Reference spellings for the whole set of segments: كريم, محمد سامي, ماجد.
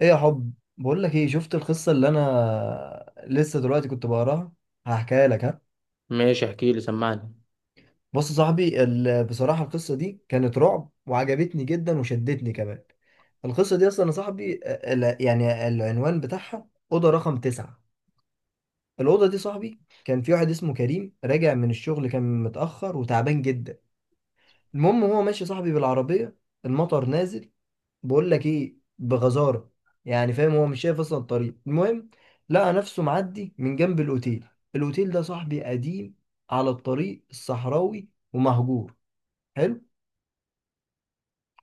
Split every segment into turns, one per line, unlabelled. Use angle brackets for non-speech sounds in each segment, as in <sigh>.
ايه يا حب؟ بقول لك ايه، شفت القصه اللي انا لسه دلوقتي كنت بقراها؟ هحكيها لك، ها.
ماشي، احكي لي، سمعني.
بص يا صاحبي، بصراحه القصه دي كانت رعب وعجبتني جدا وشدتني كمان. القصه دي اصلا يا صاحبي، يعني العنوان بتاعها اوضه رقم تسعة. الاوضه دي صاحبي، كان في واحد اسمه كريم راجع من الشغل، كان متاخر وتعبان جدا. المهم هو ماشي صاحبي بالعربيه، المطر نازل، بقول لك ايه، بغزاره، يعني فاهم هو مش شايف اصلا الطريق. المهم لقى نفسه معدي من جنب الاوتيل. الاوتيل ده صاحبي قديم، على الطريق الصحراوي ومهجور. حلو.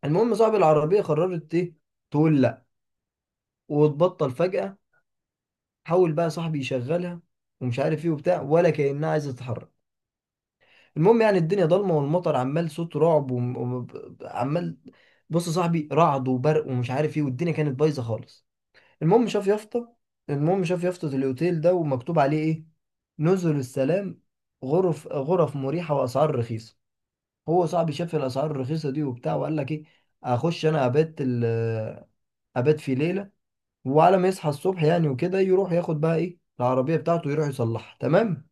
المهم صاحب العربيه قررت ايه؟ تقول لا وتبطل فجاه. حاول بقى صاحبي يشغلها، ومش عارف ايه وبتاع، ولا كانها عايزه تتحرك. المهم يعني الدنيا ضلمه، والمطر عمال صوت رعب وعمال، بص يا صاحبي رعد وبرق ومش عارف ايه، والدنيا كانت بايظه خالص. المهم شاف يافطة المهم شاف يافطة الأوتيل ده، ومكتوب عليه إيه؟ نزل السلام. غرف، غرف مريحة وأسعار رخيصة. هو صاحبي شاف الأسعار الرخيصة دي وبتاع، وقال لك إيه؟ أخش أنا أبات في ليلة، وعلى ما يصحى الصبح يعني وكده يروح ياخد بقى إيه العربية بتاعته، يروح يصلحها تمام.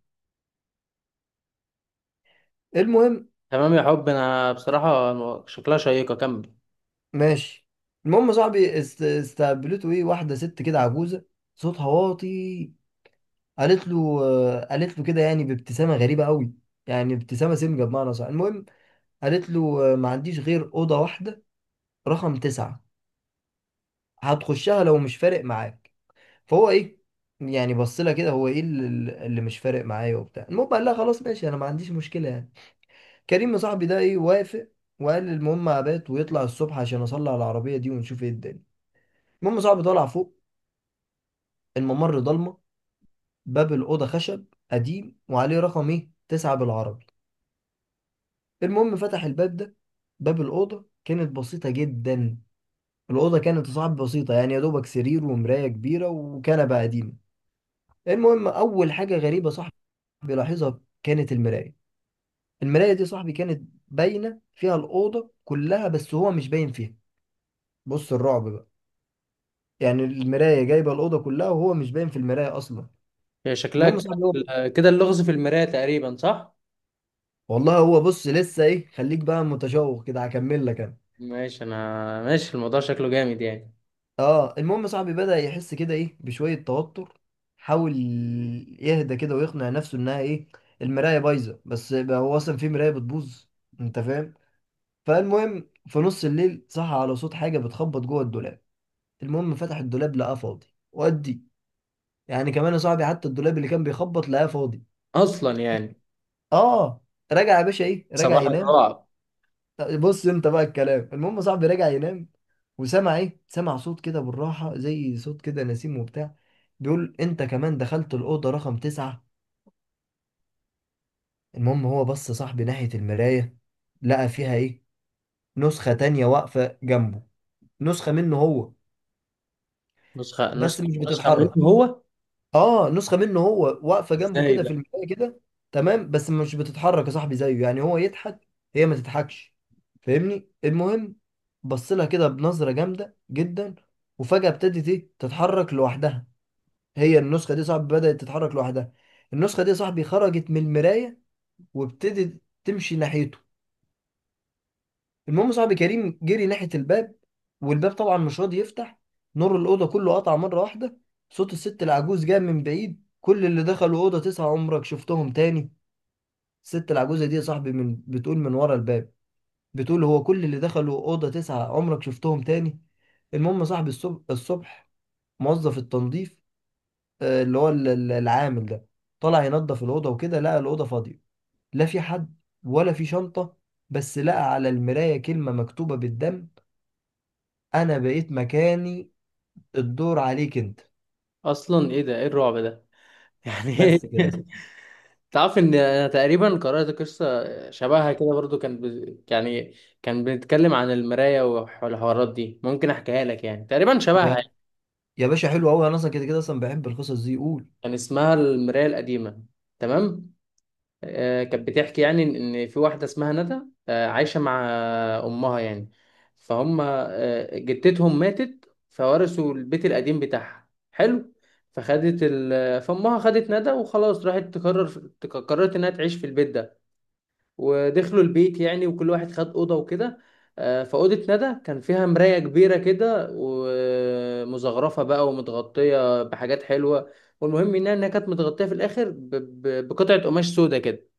المهم.
تمام يا حب، انا بصراحة شكلها شيقة، كمل.
ماشي. المهم صاحبي استقبلته إيه، واحدة ست كده عجوزة، صوتها واطي. قالت له آه. قالت له كده يعني بابتسامه غريبه قوي، يعني ابتسامه سمجه بمعنى صح. المهم، قالت له ما عنديش غير اوضه واحده رقم تسعة، هتخشها لو مش فارق معاك. فهو ايه، يعني بص لها كده، هو ايه اللي مش فارق معايا وبتاع؟ المهم قال لها خلاص ماشي، انا ما عنديش مشكله يعني. كريم صاحبي ده ايه، وافق، وقال المهم ابات ويطلع الصبح عشان اصلي على العربيه دي ونشوف ايه الدنيا. المهم صاحبي طلع فوق، الممر ضلمه، باب الاوضه خشب قديم وعليه رقم ايه، تسعة بالعربي. المهم فتح الباب ده، باب الأوضة كانت بسيطة جدا. الأوضة كانت صعب بسيطة، يعني يا دوبك سرير ومراية كبيرة وكنبة قديمة. المهم أول حاجة غريبة صاحبي لاحظها كانت المراية. المراية دي صاحبي كانت باينة فيها الأوضة كلها، بس هو مش باين فيها. بص الرعب بقى، يعني المراية جايبة الأوضة كلها وهو مش باين في المراية أصلا.
هي شكلها
المهم صاحبي هو،
كده كده اللغز في المراية تقريبا، صح؟
والله هو بص لسه إيه، خليك بقى متشوق كده هكمل لك أنا.
ماشي، انا الموضوع شكله جامد يعني.
اه، المهم صاحبي بدأ يحس كده ايه، بشوية توتر، حاول يهدى كده ويقنع نفسه انها ايه، المراية بايظة، بس بقى هو اصلا في مراية بتبوظ؟ انت فاهم. فالمهم في نص الليل صحى على صوت حاجة بتخبط جوه الدولاب. المهم فتح الدولاب، لقاه فاضي. ودي يعني كمان يا صاحبي، حتى الدولاب اللي كان بيخبط لقاه فاضي.
اصلا يعني
اه. رجع يا باشا ايه، رجع
صباح
ينام.
الرعب.
بص انت بقى الكلام. المهم صاحبي رجع ينام، وسمع ايه، سمع صوت كده بالراحة زي صوت كده نسيم وبتاع، بيقول انت كمان دخلت الأوضة رقم تسعة. المهم هو بص صاحبي ناحية المراية، لقى فيها ايه، نسخة تانية واقفة جنبه، نسخة منه هو،
نسخة
بس
نسخة
مش
نسخة منه
بتتحرك.
هو؟
اه، نسخه منه هو واقفه جنبه
ازاي
كده
ده؟
في المرايه كده. تمام، بس مش بتتحرك يا صاحبي زيه، يعني هو يضحك، هي ما تضحكش، فاهمني. المهم بص لها كده بنظره جامده جدا، وفجاه ابتدت ايه، تتحرك لوحدها. هي النسخه دي يا صاحبي بدات تتحرك لوحدها. النسخه دي يا صاحبي خرجت من المرايه، وابتدت تمشي ناحيته. المهم صاحبي كريم جري ناحية الباب، والباب طبعا مش راضي يفتح. نور الأوضة كله قطع مرة واحدة. صوت الست العجوز جاء من بعيد: كل اللي دخلوا أوضة تسعة عمرك شفتهم تاني. الست العجوزة دي يا صاحبي من بتقول من ورا الباب، بتقول هو كل اللي دخلوا أوضة تسعة عمرك شفتهم تاني. المهم يا صاحبي الصبح موظف التنظيف، اللي هو العامل ده، طلع ينظف الأوضة وكده، لقى الأوضة فاضية، لا في حد ولا في شنطة، بس لقى على المراية كلمة مكتوبة بالدم: انا بقيت مكاني، الدور عليك انت.
اصلا ايه ده؟ ايه الرعب ده يعني؟ <laughs> ايه؟
بس كده.
تعرف ان انا تقريبا قرأت قصة شبهها كده برضو، يعني كان بنتكلم عن المراية والحوارات دي، ممكن احكيها لك، يعني تقريبا شبهها.
يا يا باشا حلو قوي، انا اصلا كده كده اصلا بحب القصص دي، قول.
كان اسمها المراية القديمة. تمام. آه، كانت بتحكي يعني إن في واحدة اسمها ندى، آه، عايشة مع أمها يعني، فهم آه، جدتهم ماتت فورثوا البيت القديم بتاعها. حلو. فأمها خدت ندى وخلاص، راحت تقرر، قررت إنها تعيش في البيت ده. ودخلوا البيت يعني، وكل واحد خد اوضه وكده. فاوضه ندى كان فيها مرايه كبيره كده، ومزخرفه بقى، ومتغطيه بحاجات حلوه. والمهم انها إنها كانت متغطيه في الاخر بقطعه قماش سودا كده.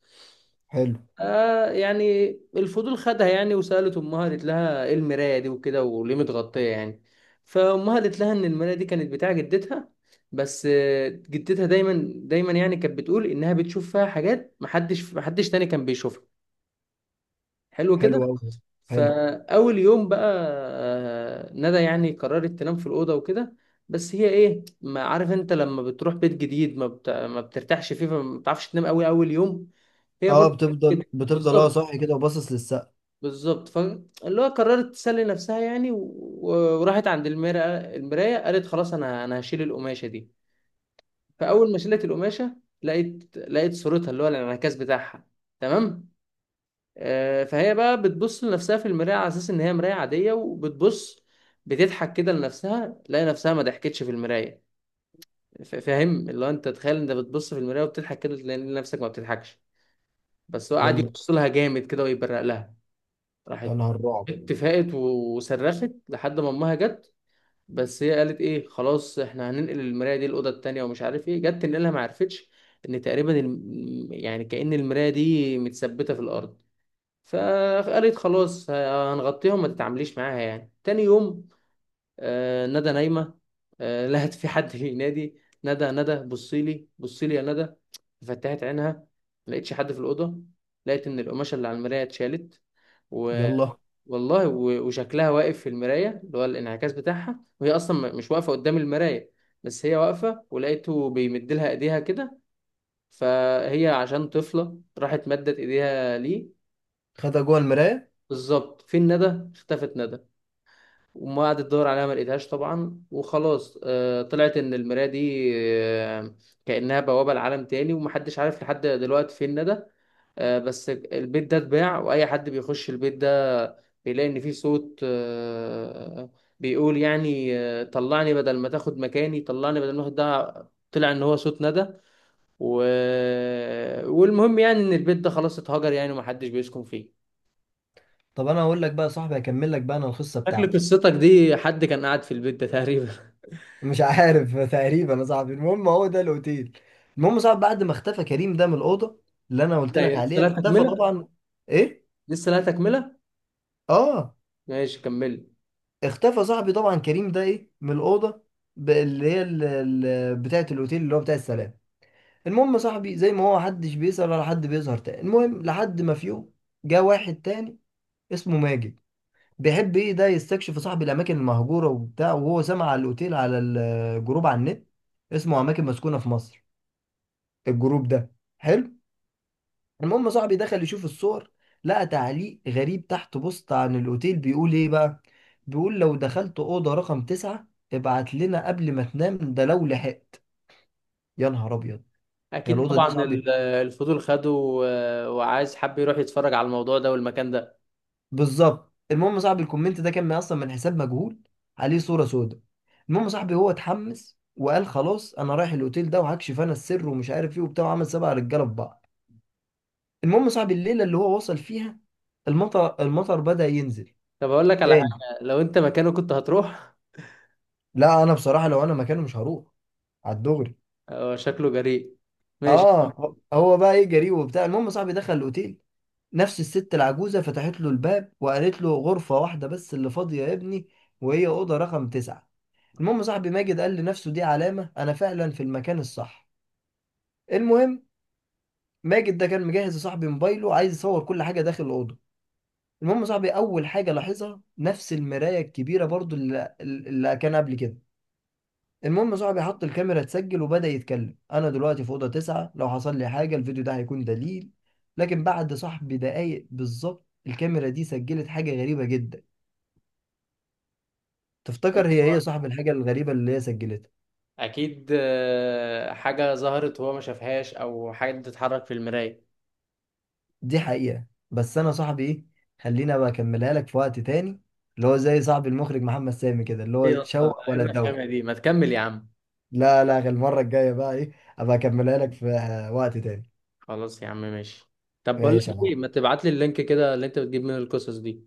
حلو.
يعني الفضول خدها يعني، وسالت امها، قالت لها ايه المرايه دي وكده، وليه متغطيه يعني. فامها قالت لها ان المرايه دي كانت بتاع جدتها، بس جدتها دايما يعني كانت بتقول انها بتشوف فيها حاجات محدش تاني كان بيشوفها. حلو كده.
حلو قوي. حلو.
فاول يوم بقى، ندى يعني قررت تنام في الاوضه وكده. بس هي ايه، ما عارف انت لما بتروح بيت جديد ما بترتاحش فيه، فما بتعرفش تنام قوي اول يوم. هي
اه،
برضه
بتفضل
كده
بتفضل اه
بالظبط.
صاحي كده وباصص للسقف.
بالظبط. فاللي هو قررت تسلي نفسها يعني وراحت عند المرايه، المرايه قالت خلاص، انا هشيل القماشه دي. فاول ما شلت القماشه، لقيت صورتها اللي هو الانعكاس بتاعها. تمام. آه، فهي بقى بتبص لنفسها في المراية على أساس إن هي مراية عادية، وبتبص بتضحك كده لنفسها، تلاقي نفسها ما ضحكتش في المراية. فاهم؟ اللي هو أنت تخيل أنت بتبص في المراية وبتضحك كده، تلاقي نفسك ما بتضحكش، بس هو قعد
يلا.
يبص لها جامد كده ويبرق لها. راحت
يا نهار رعب.
اتفقت وصرخت لحد ما أمها جت. بس هي قالت إيه، خلاص إحنا هننقل المراية دي الأوضة التانية ومش عارف إيه، جت تنقلها ما عرفتش، إن تقريبا يعني كأن المراية دي متثبتة في الأرض. فقالت خلاص هنغطيهم، ما تتعامليش معاها يعني. تاني يوم، آه، ندى نايمة، <laughs> لقت في حد بينادي ندى ندى، بصي لي بصي لي يا ندى. فتحت عينها، ما لقيتش حد في الأوضة، لقيت إن القماشة اللي على المراية اتشالت و...
يلا.
والله وشكلها واقف في المراية اللي هو الانعكاس بتاعها، وهي أصلا مش واقفة قدام المراية. بس هي واقفة، ولقيته بيمد لها إيديها كده. فهي عشان طفلة راحت مدت إيديها ليه.
خدها جوه المرايه.
بالظبط. فين ندى؟ اختفت ندى. وما قعدت تدور عليها، ما لقيتهاش طبعا. وخلاص، طلعت ان المرايه دي كانها بوابه لعالم تاني، ومحدش عارف لحد دلوقتي فين ندى. بس البيت ده اتباع، واي حد بيخش البيت ده بيلاقي ان فيه صوت، بيقول يعني طلعني بدل ما تاخد مكاني، طلعني بدل ما تاخد. ده طلع ان هو صوت ندى و... والمهم يعني ان البيت ده خلاص اتهجر يعني، ومحدش بيسكن فيه.
طب انا هقول لك بقى يا صاحبي، هكمل لك بقى انا القصه
شكل
بتاعتي.
قصتك دي حد كان قاعد في البيت ده تقريبا. <laughs>
مش عارف <laughs> تقريبا يا صاحبي. المهم هو ده الاوتيل. المهم يا صاحبي بعد ما اختفى كريم ده من الاوضه، اللي انا قلت
لا، هي
لك
لسه،
عليها،
لا
اختفى
تكملة.
طبعا. ايه؟
لسه، لا تكملة.
اه.
ماشي، كمل.
اختفى صاحبي طبعا كريم ده ايه، من الاوضه، اللي هي بتاعه الاوتيل اللي هو بتاع السلام. المهم يا صاحبي زي ما هو محدش بيسأل ولا حد بيظهر تاني، المهم لحد ما في يوم جه واحد تاني اسمه ماجد. بيحب ايه ده، يستكشف صاحبي الاماكن المهجوره وبتاع، وهو سمع على الاوتيل على الجروب على النت، اسمه اماكن مسكونه في مصر، الجروب ده. حلو. المهم صاحبي دخل يشوف الصور، لقى تعليق غريب تحت بوست عن الأوتيل بيقول إيه بقى، بيقول لو دخلت أوضة رقم تسعة ابعت لنا قبل ما تنام، ده لو لحقت. يا نهار أبيض. يا
أكيد
الأوضة دي يا
طبعا
صاحبي.
الفضول خده، وعايز حب يروح يتفرج على الموضوع ده والمكان ده.
بالظبط. المهم صاحبي الكومنت ده كان من أصلا من حساب مجهول، عليه صورة سوداء. المهم صاحبي هو اتحمس وقال خلاص أنا رايح الأوتيل ده وهكشف أنا السر ومش عارف إيه وبتاع، وعمل سبع رجالة في بعض. المهم صاحبي الليلة اللي هو وصل فيها المطر بدأ ينزل.
طب أقول لك على
تاني.
حاجة، لو أنت مكانه كنت هتروح؟
لا، انا بصراحه لو انا مكانه مش هروح، على الدغري.
هو شكله جريء. ماشي.
اه هو بقى ايه، جريء وبتاع. المهم صاحبي دخل الاوتيل، نفس الست العجوزه فتحت له الباب وقالت له غرفه واحده بس اللي فاضيه يا ابني، وهي اوضه رقم تسعة. المهم صاحبي ماجد قال لنفسه دي علامه، انا فعلا في المكان الصح. المهم ماجد ده كان مجهز لصاحبي موبايله، عايز يصور كل حاجه داخل الاوضه. المهم صاحبي اول حاجه لاحظها نفس المرايه الكبيره برضو اللي كان قبل كده. المهم صاحبي حط الكاميرا تسجل وبدأ يتكلم: انا دلوقتي في اوضه تسعة، لو حصل لي حاجه الفيديو ده هيكون دليل. لكن بعد صاحبي دقايق بالظبط الكاميرا دي سجلت حاجه غريبه جدا. تفتكر هي ايه صاحب الحاجه الغريبه اللي هي سجلتها؟
أكيد آه، حاجة ظهرت وهو ما شافهاش، أو حاجة بتتحرك في المراية.
دي حقيقه، بس انا صاحبي ايه، خلينا بقى اكملها لك في وقت تاني، اللي هو زي صاحب المخرج محمد سامي كده اللي
إيه
هو
أصلا،
شوق
إيه
ولا
الرخامة
تدوق.
دي؟ ما تكمل يا عم.
لا لا، غير المره الجايه بقى ايه، ابقى اكملها لك في وقت تاني.
خلاص يا عم، ماشي. طب بقول
ماشي يا
لك إيه،
عم.
ما تبعت لي اللينك كده اللي أنت بتجيب منه القصص دي.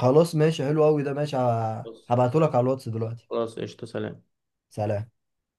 خلاص ماشي، حلو قوي ده، ماشي.
بص.
هبعته لك على الواتس دلوقتي.
خلاص، قشطة، سلام.
سلام.